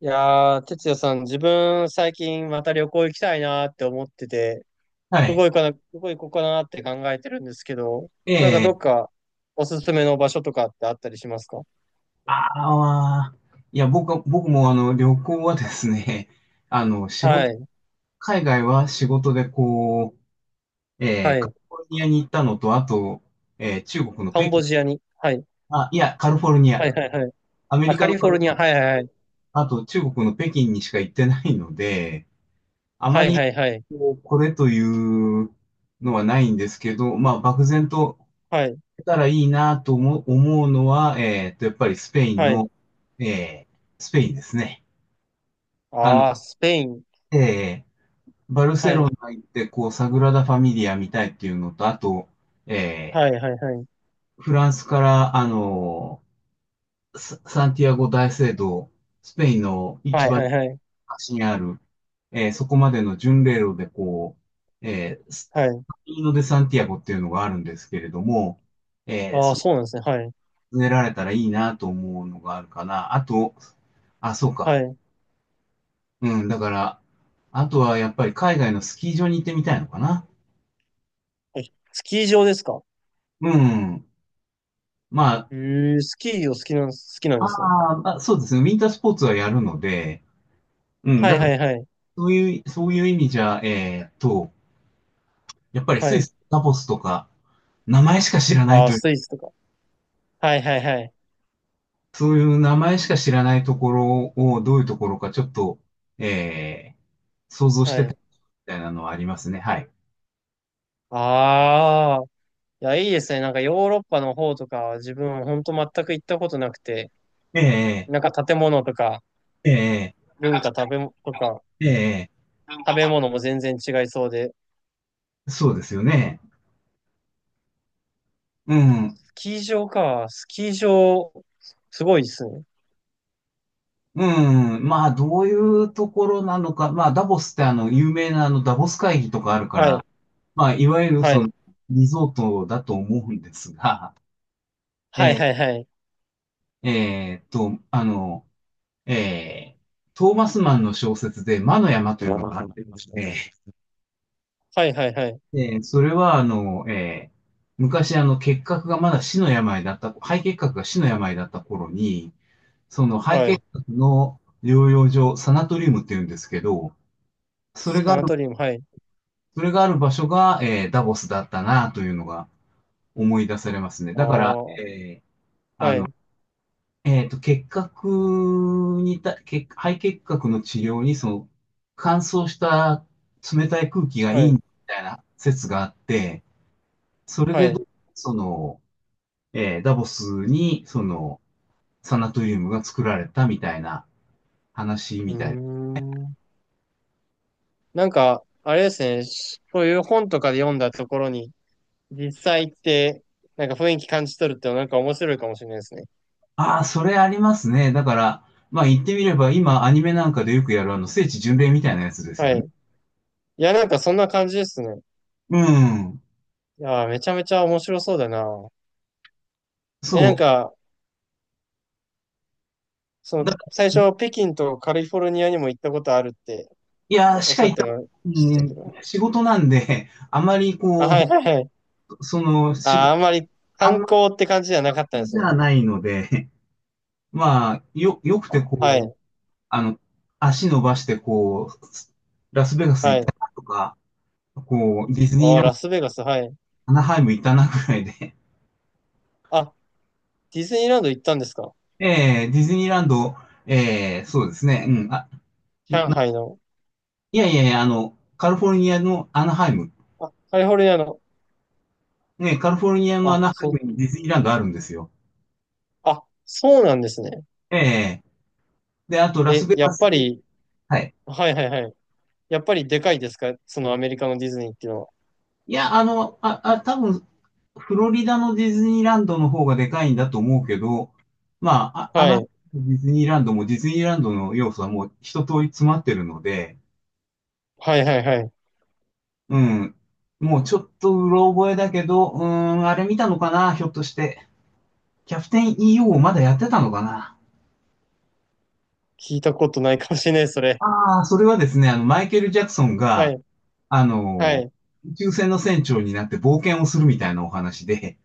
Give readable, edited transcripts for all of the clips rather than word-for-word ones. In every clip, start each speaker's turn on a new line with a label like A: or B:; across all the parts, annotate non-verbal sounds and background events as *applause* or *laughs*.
A: いやー、哲也さん、自分、最近また旅行行きたいなーって思ってて、
B: はい。
A: どこ行こうかなーって考えてるんですけど、
B: え
A: なんかど
B: え、
A: っかおすすめの場所とかってあったりしますか？
B: ああ、いや、僕は、あの、旅行はですね、*laughs* あの、仕
A: は
B: 事、
A: い、
B: 海外は仕事で
A: は
B: カ
A: い。
B: リフォルニアに行ったのと、あと、中国の
A: カ
B: 北
A: ンボ
B: 京、
A: ジアに。はい、
B: あ、いや、カリフォルニ
A: はい、
B: ア、
A: はい、はい。
B: アメ
A: あ、
B: リ
A: カ
B: カの
A: リフ
B: カ
A: ォ
B: リ
A: ル
B: フ
A: ニ
B: ォ
A: ア。
B: ルニ
A: はい、はい、は
B: ア
A: い。
B: と、あと中国の北京にしか行ってないので、あま
A: はい、
B: り
A: はい、はい。
B: こう、これというのはないんですけど、まあ、漠然と
A: はい、
B: たらいいなと思うのは、やっぱりスペイン
A: はい。
B: の、えースペインですね。あの、
A: あー、スペイン。
B: えーバルセ
A: は
B: ロ
A: い、
B: ナ行って、こう、サグラダ・ファミリア見たいっていうのと、あと、え
A: はい、はい、はい。
B: フランスから、あのサンティアゴ大聖堂、スペインの一
A: はい、
B: 番
A: はい、はい。
B: 端にある、そこまでの巡礼路で、う、えー、ス
A: はい。
B: カミーノ・デ・サンティアゴっていうのがあるんですけれども、えー
A: あー、そうなんですね。はい、
B: 植えられたらいいなと思うのがあるかな。あと、あ、そう
A: は
B: か。
A: い。
B: うん、だから、あとはやっぱり海外のスキー場に行ってみたいのかな。
A: はい、スキー場ですか？
B: うん。まあ、
A: えー、スキーを好きなん、好きなんですね。
B: あーまあ、そうですね。ウィンタースポーツはやるので、うん、
A: は
B: だ
A: い、
B: か
A: は
B: ら
A: い、はい。
B: そういう意味じゃ、やっぱり
A: は
B: スイ
A: い。
B: ス、ダボスとか、名前しか知らない
A: あ
B: と
A: あ、
B: いう、
A: スイスとか。はいはいはい。
B: そういう名前しか知らないところをどういうところかちょっと、えー想像し
A: は
B: てたみ
A: い。
B: たいなのはありますね。はい。
A: ああ。いや、いいですね。なんかヨーロッパの方とかは自分ほんと全く行ったことなくて、
B: ええ
A: なんか建物とか
B: え
A: 文化食べもとか
B: えええ、
A: 食べ物も全然違いそうで、
B: そうですよね。うん。
A: スキー場か。スキー場、すごいですね。
B: うん。まあ、どういうところなのか。まあ、ダボスってあの、有名なあの、ダボス会議とかあるか
A: は
B: ら、
A: い。
B: まあ、いわゆる
A: は
B: その、
A: い。
B: リゾートだと思うんですが、
A: はいは
B: え
A: いはい。
B: あの、えートーマスマンの小説で、魔の山というのがあってまして、
A: はいはいはい。
B: それは、あの、昔、あの、結核がまだ死の病だった、肺結核が死の病だった頃に、その肺
A: は
B: 結
A: い。
B: 核の療養所、サナトリウムって言うんですけど、それ
A: サ
B: があ
A: ナ
B: る、
A: トリウム、はい。
B: それがある場所が、ダボスだったなというのが思い出されますね。
A: あ
B: だから、
A: あ。はい。
B: 結核にた、肺結核の治療に、その、乾燥した冷たい空気がい
A: は
B: い
A: い。
B: みたいな説があって、それ
A: はい。
B: でど
A: う
B: う、その、ダボスに、その、サナトリウムが作られたみたいな話
A: ー
B: みたいな。
A: ん。なんか、あれですね。そういう本とかで読んだところに、実際行って、なんか雰囲気感じ取るってなんか面白いかもしれないですね。
B: ああ、それありますね。だから、まあ言ってみれば、今アニメなんかでよくやるあの、聖地巡礼みたいなやつです
A: は
B: よね。
A: い。いや、なんかそんな感じですね。
B: うん。
A: いやー、めちゃめちゃ面白そうだな。
B: そ
A: え、なんか、そ
B: う。
A: の、
B: だか
A: 最
B: ら、
A: 初、北京とカリフォルニアにも行ったことあるって
B: いや、
A: お
B: し
A: っし
B: か
A: ゃっ
B: 言っ
A: て
B: た、
A: ま
B: う
A: したけ
B: ん、
A: ど。
B: 仕事なんで、あまり
A: あ、は
B: こ
A: いはいはい。
B: う、その、仕
A: あ
B: 事、
A: ー、あんまり
B: あん
A: 観
B: ま
A: 光って感じじゃなかったんで
B: り
A: す
B: じ
A: ね。
B: ゃないので、まあ、よ、よくて
A: は
B: こ
A: い、
B: う、あの、足伸ばしてこう、ラスベガス
A: は
B: 行っ
A: い。
B: たなとか、こう、ディズニー
A: おー、
B: ラン
A: ラ
B: ド
A: スベガス、はい。
B: アナハイム行ったなぐらいで。
A: あ、ディズニーランド行ったんですか？
B: *laughs* ディズニーランド、そうですね。うん。あ、
A: 上海の。
B: いやいやいや、あの、カリフォルニアのアナハイム。
A: あ、カリフォルニアの。
B: ね、カリフォルニアのア
A: あ、
B: ナハイ
A: そ
B: ム
A: う、
B: にディズニーランドあるんですよ。
A: あ、そうなんですね。
B: ええで、あとラス
A: え、
B: ベ
A: や
B: ガ
A: っ
B: ス
A: ぱ
B: に、
A: り、
B: はい。
A: はいはいはい。やっぱりでかいですか？そのアメリカのディズニーっていうのは。
B: いや、あの、あ、あ、多分、フロリダのディズニーランドの方がでかいんだと思うけど、まあ、あ、ア
A: は
B: ナハイ
A: い。
B: ムとディズニーランドもディズニーランドの要素はもう一通り詰まってるので、
A: はいはいはい。
B: うん。もうちょっとうろ覚えだけど、うーん、あれ見たのかな、ひょっとして。キャプテン EO をまだやってたのかな。
A: 聞いたことないかもしれない、それ。
B: ああ、それはですね、あの、マイケル・ジャクソン
A: は
B: が、
A: い。
B: あ
A: は
B: の、
A: い。
B: 宇宙船の船長になって冒険をするみたいなお話で、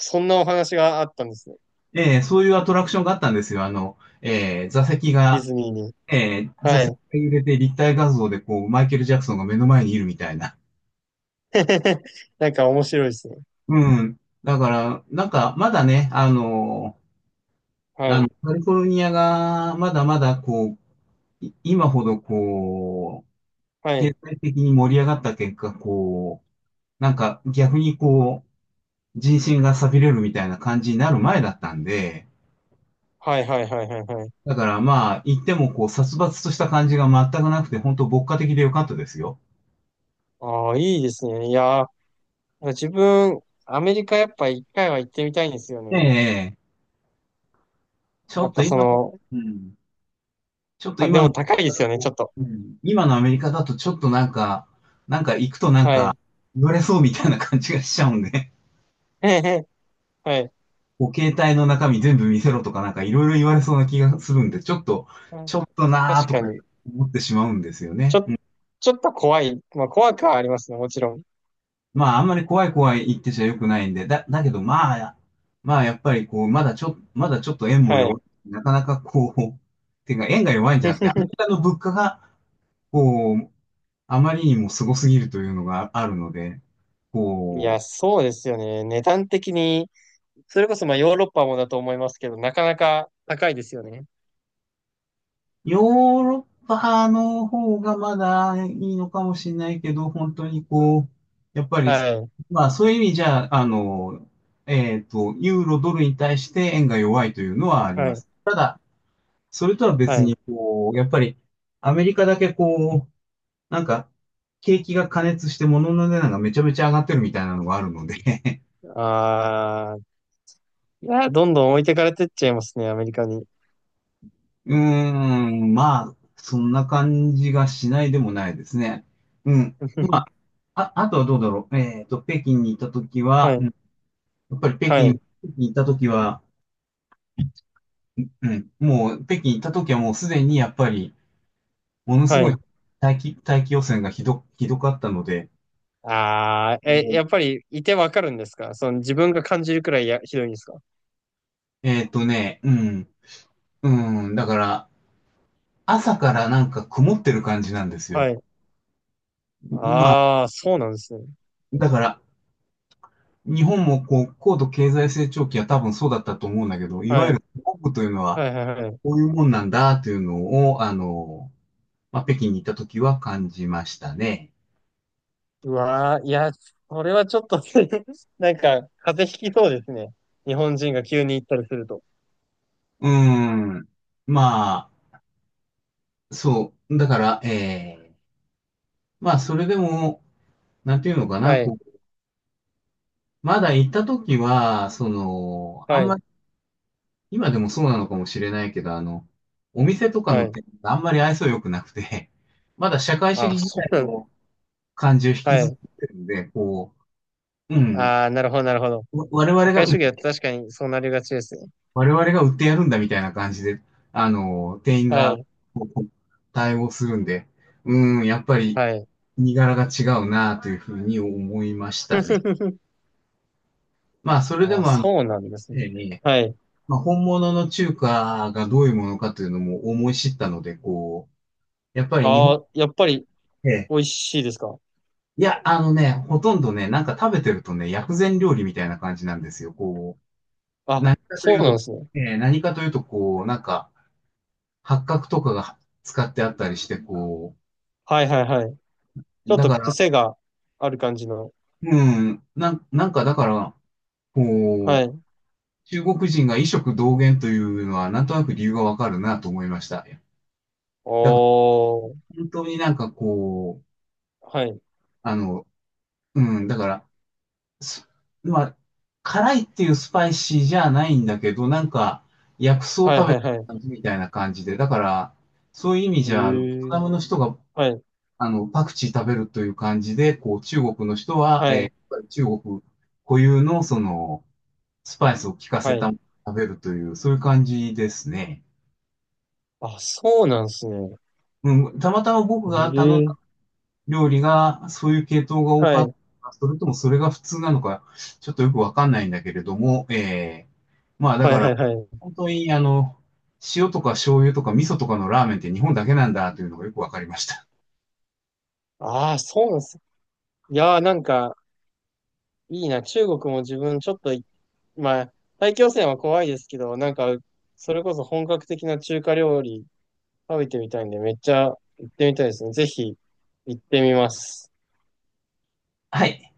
A: そんなお話があったんですね。
B: そういうアトラクションがあったんですよ。あの、えー座席
A: ディ
B: が、
A: ズニーに。
B: えー座
A: は
B: 席
A: い。
B: が揺れて立体画像でこう、マイケル・ジャクソンが目の前にいるみたいな。
A: *laughs* なんか面白いですね。
B: うん。だから、なんか、まだね、
A: は
B: あの、
A: い。
B: カリフォルニアがまだまだ今ほどこう、
A: は
B: 経
A: い。
B: 済的に盛り上がった結果、こう、なんか逆にこう、人心が錆びれるみたいな感じになる前だったんで、
A: はいはいはいはいはい。
B: だからまあ、言ってもこう、殺伐とした感じが全くなくて、本当牧歌的でよかったですよ。
A: ああ、いいですね。いやー、自分、アメリカやっぱ一回は行ってみたいんですよね。
B: ええ、ちょ
A: やっ
B: っと
A: ぱそ
B: 今の、
A: の、
B: うん、ちょっと
A: あ、で
B: 今の、
A: も高いですよね、ちょっと。
B: うん、今のアメリカだとちょっとなんか、なんか行くとなん
A: は
B: か、
A: い。*laughs*
B: 言われそうみたいな感じがしちゃうんで。
A: はい。はい。
B: お携帯の中身全部見せろとかなんかいろいろ言われそうな気がするんで、ちょっと、ちょっとな
A: 確
B: ーと
A: か
B: か
A: に。
B: 思ってしまうんですよ
A: ち
B: ね。う
A: ょ、
B: ん、
A: ちょっと怖い。まあ怖くはありますね、もちろん。
B: まあ、あんまり怖い怖い言ってちゃよくないんで、だ、だけどまあ、まあやっぱりこう、まだちょっと円も
A: は
B: 弱
A: い。
B: い、なかなかこう、ていうか円が弱いんじゃなくて、アメ
A: *laughs*
B: リカの物価が、こう、あまりにもすごすぎるというのがあるので、
A: い
B: こ
A: や、
B: う、
A: そうですよね。値段的に、それこそまあヨーロッパもだと思いますけど、なかなか高いですよね。
B: ヨーロッパの方がまだいいのかもしれないけど、本当にこう、やっぱり、
A: はい。
B: まあそういう意味じゃ、あの、ユーロドルに対して円が弱いというのはあり
A: は
B: ま
A: い。
B: す。ただ、それとは
A: は
B: 別
A: い。
B: に、こう、やっぱりアメリカだけこう、なんか、景気が過熱して物の値段がめちゃめちゃ上がってるみたいなのがあるので、
A: ああ、いや、どんどん置いてかれてっちゃいますね、アメリカに。
B: うーん、まあ、そんな感じがしないでもないですね。うん。まあ、
A: *laughs*
B: あ、あとはどうだろう。えっと、北京に行ったとき
A: は
B: は、うん、
A: い。
B: やっぱり北
A: は
B: 京、
A: い。
B: 北京に行ったときは、うん、もう、北京行ったときはもうすでにやっぱり、ものす
A: は
B: ごい
A: い。
B: 大気汚染がひどかったので、
A: ああ、え、や
B: お
A: っぱりいてわかるんですか？その自分が感じるくらいや、ひどいんですか？
B: えっとね、うん、うん、だから、朝からなんか曇ってる感じなんですよ。
A: はい。ああ、そうなんですね。
B: だから、日本もこう、高度経済成長期は多分そうだったと思うんだけど、いわ
A: は
B: ゆ
A: い。
B: る国というの
A: は
B: は、
A: いはいはい。
B: こういうもんなんだというのを、あの、まあ、北京に行った時は感じましたね。
A: うわー、いや、それはちょっと *laughs* なんか、風邪ひきそうですね。日本人が急に行ったりすると。
B: うーん。まあ、そう。だから、まあ、それでも、なんていうのかな、
A: はい、
B: こう、まだ行った時は、その、あ
A: は
B: んま
A: い、
B: り、今でもそうなのかもしれないけど、あの、お店とか
A: は
B: の
A: い。
B: 店があんまり愛想良くなくて、まだ社会主
A: あ、
B: 義時
A: そ
B: 代
A: うなん、
B: の感じを引き
A: は
B: ずっ
A: い。
B: てるんで、こう、うん。
A: ああ、なるほど、なるほど。
B: わ我
A: 社
B: 々が、
A: 会主義は確かにそうなりがちですね。
B: 我々が売ってやるんだみたいな感じで、あの、店員
A: は
B: が
A: い、
B: こう対応するんで、うーん、やっぱり
A: はい。
B: 身柄が違うなというふうに思いましたね。
A: *laughs*
B: まあ、それで
A: ああ、
B: もあの、
A: そうなんですね。
B: ええね、
A: はい。
B: まあ、本物の中華がどういうものかというのも思い知ったので、こう、やっぱり日本
A: ああ、やっぱり
B: で、
A: 美味しいですか？
B: いや、あのね、ほとんどね、なんか食べてるとね、薬膳料理みたいな感じなんですよ。こう、
A: あ、
B: 何かと
A: そ
B: い
A: う
B: う
A: なん
B: と、
A: ですね。
B: 何かというと、こう、なんか、八角とかが使ってあったりして、こ
A: はいはいはい。ち
B: う、
A: ょっ
B: だ
A: と
B: から、
A: 癖がある感じの。
B: うん、なんかだから、
A: は
B: こう、
A: い。
B: 中国人が異色同源というのは、なんとなく理由がわかるなと思いました。だから、
A: おー。
B: 本当になんかこう、
A: はい。
B: あの、うん、だから、すまあ、辛いっていうスパイシーじゃないんだけど、なんか、薬草を
A: はい
B: 食べ
A: はい
B: て
A: はい。
B: るみたいな感じで、だから、そういう意味
A: へ
B: じゃ、あのベトナ
A: え。
B: ムの人が
A: はい。
B: あの、パクチー食べるという感じで、こう、中国の人は、
A: は
B: や
A: い、
B: っぱり中国固有の、その、スパイスを効か
A: は
B: せた
A: い。
B: ものを食べるという、そういう感じですね。
A: あ、そうなんですね。
B: うん、たまたま僕が頼ん
A: え
B: だ
A: え、
B: 料理が、そういう系統が多
A: は
B: かった
A: い、
B: のか、それともそれが普通なのか、ちょっとよくわかんないんだけれども、まあだ
A: は
B: か
A: い、は
B: ら、
A: い、はい。
B: 本当に、あの、塩とか醤油とか味噌とかのラーメンって日本だけなんだというのがよくわかりました。
A: ああ、そうなんです。いやー、なんか、いいな。中国も自分ちょっとまあ、大気汚染は怖いですけど、なんか、それこそ本格的な中華料理食べてみたいんで、めっちゃ行ってみたいですね。ぜひ、行ってみます。
B: はい。